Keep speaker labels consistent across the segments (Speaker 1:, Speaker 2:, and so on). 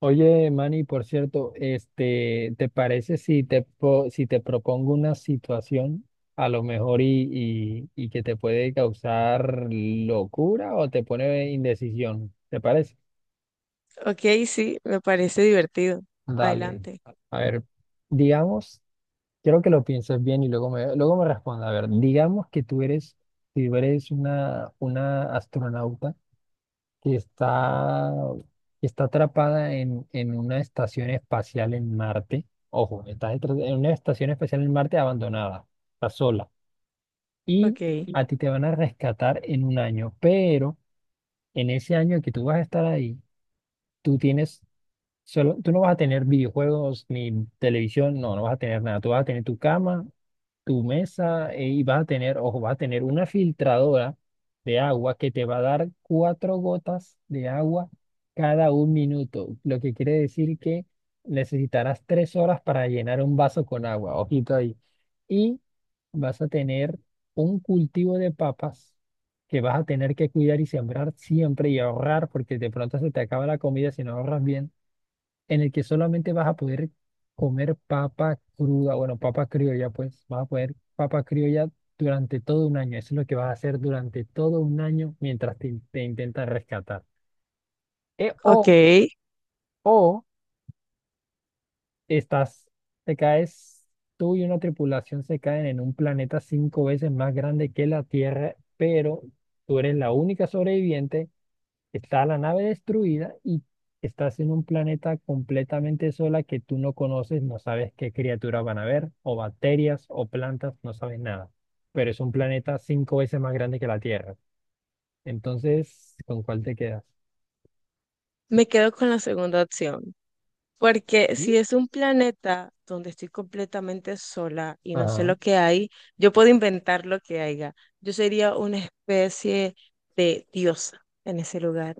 Speaker 1: Oye, Manny, por cierto, ¿te parece si te propongo una situación a lo mejor y que te puede causar locura o te pone indecisión? ¿Te parece?
Speaker 2: Ok, sí, me parece divertido.
Speaker 1: Dale.
Speaker 2: Adelante.
Speaker 1: A ver, digamos, quiero que lo pienses bien y luego me responda. A ver, digamos que si tú eres una astronauta que está, que está atrapada en una estación espacial en Marte. Ojo, en una estación espacial en Marte abandonada, está sola. Y
Speaker 2: Ok,
Speaker 1: a ti te van a rescatar en un año, pero en ese año que tú vas a estar ahí, tú tienes tú no vas a tener videojuegos ni televisión, no vas a tener nada. Tú vas a tener tu cama tu mesa y vas a tener, ojo, vas a tener una filtradora de agua que te va a dar cuatro gotas de agua cada un minuto, lo que quiere decir que necesitarás 3 horas para llenar un vaso con agua, ojito ahí. Y vas a tener un cultivo de papas que vas a tener que cuidar y sembrar siempre y ahorrar, porque de pronto se te acaba la comida si no ahorras bien en el que solamente vas a poder comer papa cruda, bueno, papa criolla, pues vas a poder papa criolla durante todo un año. Eso es lo que vas a hacer durante todo un año mientras te intentan rescatar. E-
Speaker 2: ok.
Speaker 1: o, o estás, te caes, tú y una tripulación se caen en un planeta cinco veces más grande que la Tierra, pero tú eres la única sobreviviente. Está la nave destruida y estás en un planeta completamente sola que tú no conoces, no sabes qué criaturas van a ver, o bacterias, o plantas, no sabes nada. Pero es un planeta cinco veces más grande que la Tierra. Entonces, ¿con cuál te quedas?
Speaker 2: Me quedo con la segunda opción, porque
Speaker 1: ¿Mm?
Speaker 2: si es un planeta donde estoy completamente sola y no sé
Speaker 1: Ajá.
Speaker 2: lo que hay, yo puedo inventar lo que haya. Yo sería una especie de diosa en ese lugar.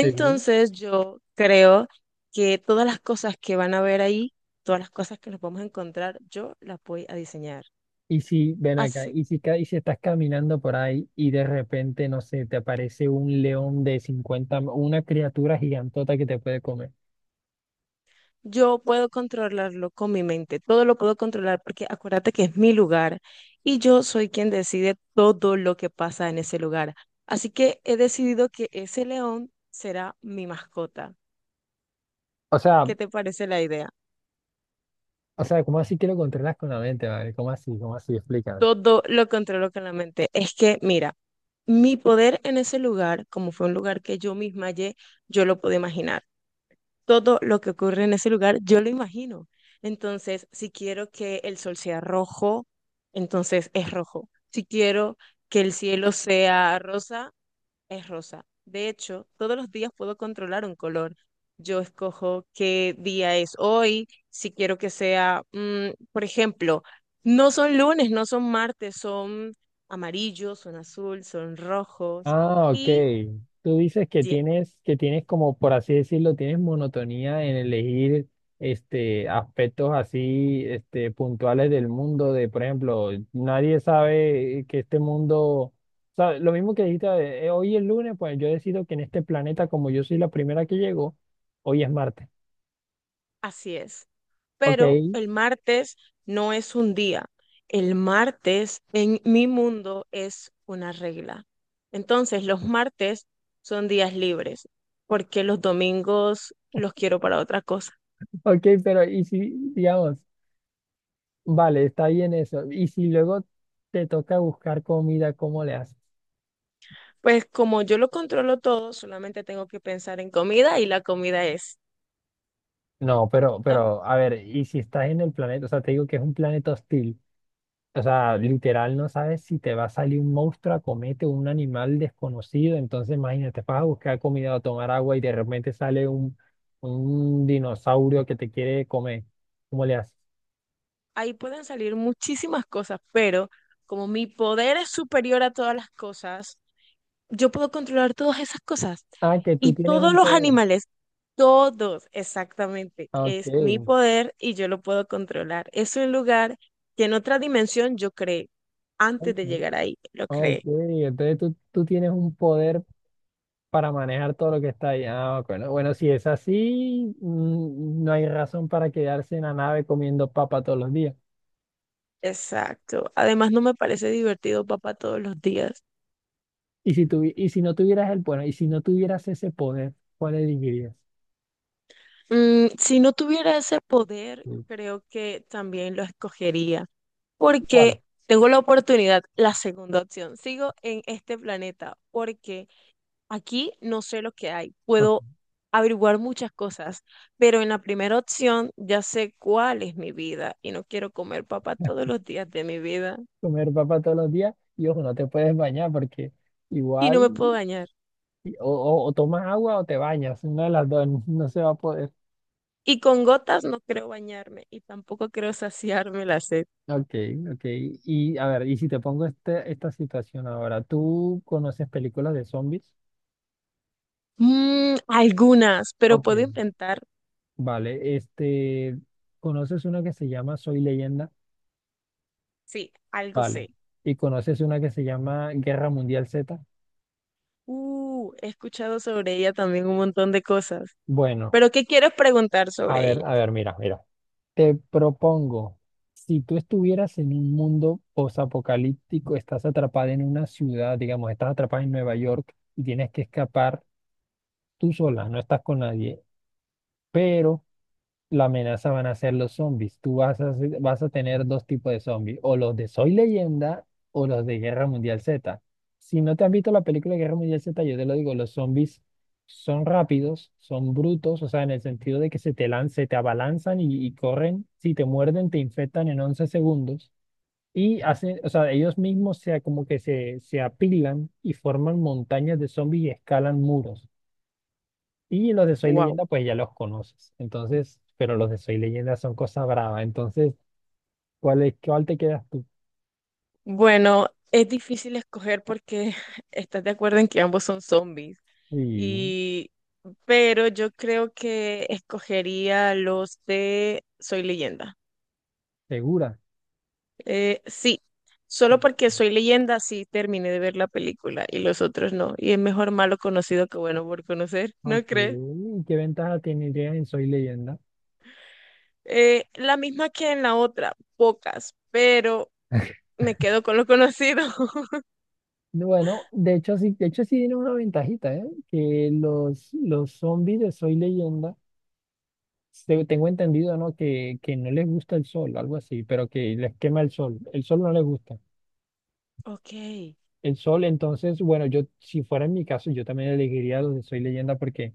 Speaker 1: ¿Sería?
Speaker 2: yo creo que todas las cosas que van a ver ahí, todas las cosas que nos vamos a encontrar, yo las voy a diseñar.
Speaker 1: Y si, ven acá,
Speaker 2: Así
Speaker 1: y si estás caminando por ahí y de repente, no sé, te aparece un león de 50 m- una criatura gigantota que te puede comer.
Speaker 2: Yo puedo controlarlo con mi mente, todo lo puedo controlar porque acuérdate que es mi lugar y yo soy quien decide todo lo que pasa en ese lugar. Así que he decidido que ese león será mi mascota.
Speaker 1: O sea,
Speaker 2: ¿Qué te parece la idea?
Speaker 1: o sea, ¿cómo así que lo controlas con la mente, vale? ¿Cómo así? ¿Cómo así? Explícame.
Speaker 2: Todo lo controlo con la mente. Es que, mira, mi poder en ese lugar, como fue un lugar que yo misma hallé, yo lo pude imaginar. Todo lo que ocurre en ese lugar, yo lo imagino. Entonces, si quiero que el sol sea rojo, entonces es rojo. Si quiero que el cielo sea rosa, es rosa. De hecho, todos los días puedo controlar un color. Yo escojo qué día es hoy, si quiero que sea, por ejemplo, no son lunes, no son martes, son amarillos, son azul, son rojos.
Speaker 1: Ah, ok.
Speaker 2: Y
Speaker 1: Tú dices que
Speaker 2: ye-
Speaker 1: tienes, que tienes como, por así decirlo, tienes monotonía en elegir, aspectos así, puntuales del mundo, de, por ejemplo, nadie sabe que este mundo, o sea, lo mismo que dijiste, hoy es lunes, pues yo decido que en este planeta, como yo soy la primera que llego, hoy es martes.
Speaker 2: así es.
Speaker 1: Ok,
Speaker 2: Pero el martes no es un día. El martes en mi mundo es una regla. Entonces, los martes son días libres, porque los domingos los quiero para otra cosa.
Speaker 1: ok, pero y si, digamos, vale, está bien eso. Y si luego te toca buscar comida, ¿cómo le haces?
Speaker 2: Pues como yo lo controlo todo, solamente tengo que pensar en comida y la comida es.
Speaker 1: No, pero,
Speaker 2: Ta-
Speaker 1: pero, a ver, y si estás en el planeta, o sea, te digo que es un planeta hostil, o sea, literal no sabes si te va a salir un monstruo a comerte o un animal desconocido, entonces imagínate, vas a buscar comida o tomar agua y de repente sale un dinosaurio que te quiere comer. ¿Cómo le haces?
Speaker 2: Ahí pueden salir muchísimas cosas, pero como mi poder es superior a todas las cosas, yo puedo controlar todas esas cosas.
Speaker 1: Ah, que tú
Speaker 2: Y
Speaker 1: tienes
Speaker 2: todos
Speaker 1: un
Speaker 2: los
Speaker 1: poder.
Speaker 2: animales. Todos, exactamente.
Speaker 1: Ah, ok,
Speaker 2: Es mi poder y yo lo puedo controlar. Es un lugar que en otra dimensión yo creé. Antes
Speaker 1: ok,
Speaker 2: de llegar ahí, lo
Speaker 1: ok,
Speaker 2: creé.
Speaker 1: entonces tú tienes un poder para manejar todo lo que está ahí. Ah, bueno, bueno, si es así, mm, no hay razón para quedarse en la nave comiendo papa todos los días.
Speaker 2: Exacto. Además, no me parece divertido, papá, todos los días.
Speaker 1: Y si tuvi- y si no tuvieras el, bueno, y si no tuvieras ese poder, ¿cuál elegirías?
Speaker 2: Si no tuviera ese poder,
Speaker 1: Mm.
Speaker 2: creo que también lo escogería,
Speaker 1: ¿Cuál?
Speaker 2: porque tengo la oportunidad, la segunda opción. Sigo en este planeta, porque aquí no sé lo que hay,
Speaker 1: Ah.
Speaker 2: puedo averiguar muchas cosas, pero en la primera opción ya sé cuál es mi vida y no quiero comer papa todos los días de mi vida
Speaker 1: Comer papa todos los días y ojo, no te puedes bañar porque
Speaker 2: y
Speaker 1: igual
Speaker 2: no me puedo bañar.
Speaker 1: o tomas agua o te bañas, una de las dos, no se va a poder.
Speaker 2: Y con gotas no creo bañarme y tampoco creo saciarme la sed.
Speaker 1: Ok, ok. Y a ver, y si te pongo este, esta situación ahora, ¿tú conoces películas de zombies?
Speaker 2: Algunas, pero
Speaker 1: Ok.
Speaker 2: puedo inventar,
Speaker 1: Vale, ¿conoces una que se llama Soy Leyenda?
Speaker 2: sí, algo
Speaker 1: Vale.
Speaker 2: sé.
Speaker 1: ¿Y conoces una que se llama Guerra Mundial Z?
Speaker 2: He escuchado sobre ella también un montón de cosas,
Speaker 1: Bueno,
Speaker 2: pero ¿qué quieres preguntar sobre ella?
Speaker 1: a ver, mira, mira. Te propongo, si tú estuvieras en un mundo posapocalíptico, estás atrapada en una ciudad, digamos, estás atrapada en Nueva York y tienes que escapar tú sola, no estás con nadie, pero la amenaza van a ser los zombies. Tú vas a, vas a tener dos tipos de zombies, o los de Soy Leyenda o los de Guerra Mundial Z. Si no te han visto la película de Guerra Mundial Z, yo te lo digo, los zombies son rápidos, son brutos, o sea, en el sentido de que se te lanzan, se te abalanzan y corren, si te muerden, te infectan en 11 segundos. Y hacen, o sea, ellos mismos se, como que se apilan y forman montañas de zombies y escalan muros. Y los de Soy
Speaker 2: Wow.
Speaker 1: Leyenda, pues ya los conoces. Entonces, pero los de Soy Leyenda son cosas bravas. Entonces, ¿cuál es, cuál te quedas tú?
Speaker 2: Bueno, es difícil escoger porque estás de acuerdo en que ambos son zombies.
Speaker 1: ¿Y
Speaker 2: Y, pero yo creo que escogería los de Soy Leyenda.
Speaker 1: segura?
Speaker 2: Sí, solo porque Soy Leyenda sí terminé de ver la película y los otros no. Y es mejor malo conocido que bueno por conocer,
Speaker 1: ¿No? Ok.
Speaker 2: ¿no crees?
Speaker 1: ¿Qué ventaja tendría en Soy Leyenda?
Speaker 2: La misma que en la otra, pocas, pero me quedo con lo conocido.
Speaker 1: Bueno, de hecho sí tiene una ventajita, ¿eh? Que los zombies de Soy Leyenda, tengo entendido, ¿no? Que no les gusta el sol, algo así, pero que les quema el sol. El sol no les gusta.
Speaker 2: Ok.
Speaker 1: El sol, entonces, bueno, yo si fuera en mi caso, yo también elegiría los de Soy Leyenda porque,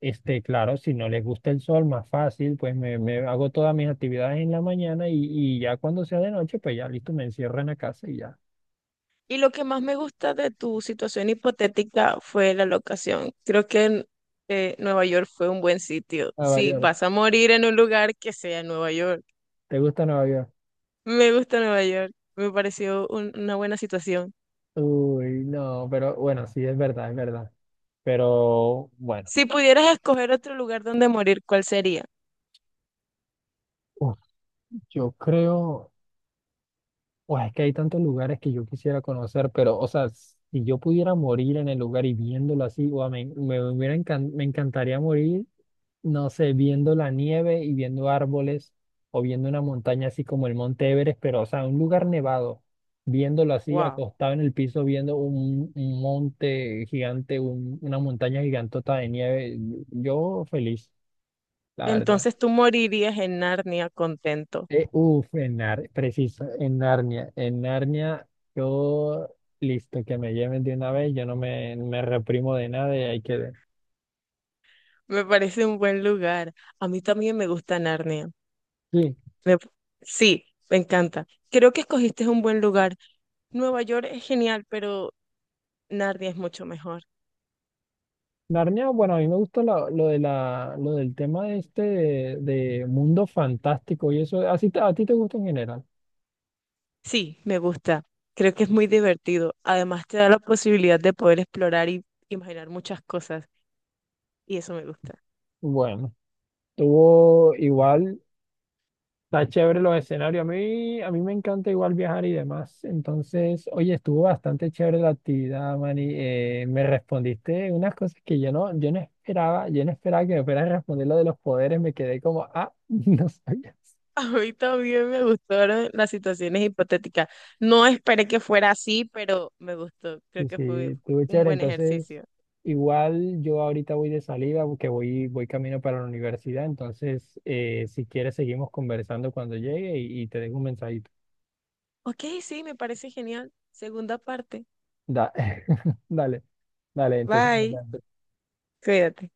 Speaker 1: Claro, si no les gusta el sol, más fácil, pues me hago todas mis actividades en la mañana y ya cuando sea de noche, pues ya listo, me encierro en la casa y ya.
Speaker 2: Y lo que más me gusta de tu situación hipotética fue la locación. Creo que Nueva York fue un buen sitio.
Speaker 1: Nueva
Speaker 2: Si
Speaker 1: York,
Speaker 2: vas a morir en un lugar, que sea en Nueva York.
Speaker 1: ¿te gusta Nueva York?
Speaker 2: Me gusta Nueva York. Me pareció una buena situación.
Speaker 1: Uy, no, pero bueno, sí, es verdad, es verdad. Pero bueno,
Speaker 2: Si pudieras escoger otro lugar donde morir, ¿cuál sería?
Speaker 1: uf, yo creo, uf, es que hay tantos lugares que yo quisiera conocer, pero o sea, si yo pudiera morir en el lugar y viéndolo así, guau, me encantaría morir no sé, viendo la nieve y viendo árboles o viendo una montaña así como el Monte Everest, pero o sea, un lugar nevado, viéndolo así,
Speaker 2: Wow.
Speaker 1: acostado en el piso, viendo un monte gigante, una montaña gigantota de nieve, yo feliz, la verdad.
Speaker 2: Entonces tú morirías en Narnia contento.
Speaker 1: Uf, preciso, en Narnia, yo listo, que me lleven de una vez, yo no me reprimo de nada y ahí quedé.
Speaker 2: Me parece un buen lugar. A mí también me gusta Narnia.
Speaker 1: Sí,
Speaker 2: Me- sí, me encanta. Creo que escogiste un buen lugar. Nueva York es genial, pero Narnia es mucho mejor.
Speaker 1: Narnia, bueno, a mí me gusta lo de lo del tema de de mundo fantástico y eso, ¿a ti te gusta en general?
Speaker 2: Sí, me gusta. Creo que es muy divertido. Además, te da la posibilidad de poder explorar y imaginar muchas cosas. Y eso me gusta.
Speaker 1: Bueno, tuvo igual, está chévere los escenarios. A mí me encanta igual viajar y demás. Entonces, oye, estuvo bastante chévere la actividad, Mani. Me respondiste unas cosas que yo no esperaba que me fueras a responder lo de los poderes. Me quedé como, ah, no sabía.
Speaker 2: A mí también me gustaron las situaciones hipotéticas. No esperé que fuera así, pero me gustó. Creo
Speaker 1: Sí,
Speaker 2: que
Speaker 1: sí,
Speaker 2: fue
Speaker 1: estuvo
Speaker 2: un
Speaker 1: chévere.
Speaker 2: buen
Speaker 1: Entonces,
Speaker 2: ejercicio.
Speaker 1: igual yo ahorita voy de salida porque voy camino para la universidad. Entonces, si quieres, seguimos conversando cuando llegue y te dejo un mensajito.
Speaker 2: Ok, sí, me parece genial. Segunda parte.
Speaker 1: Da- Dale, dale, entonces nos
Speaker 2: Bye.
Speaker 1: vemos.
Speaker 2: Cuídate.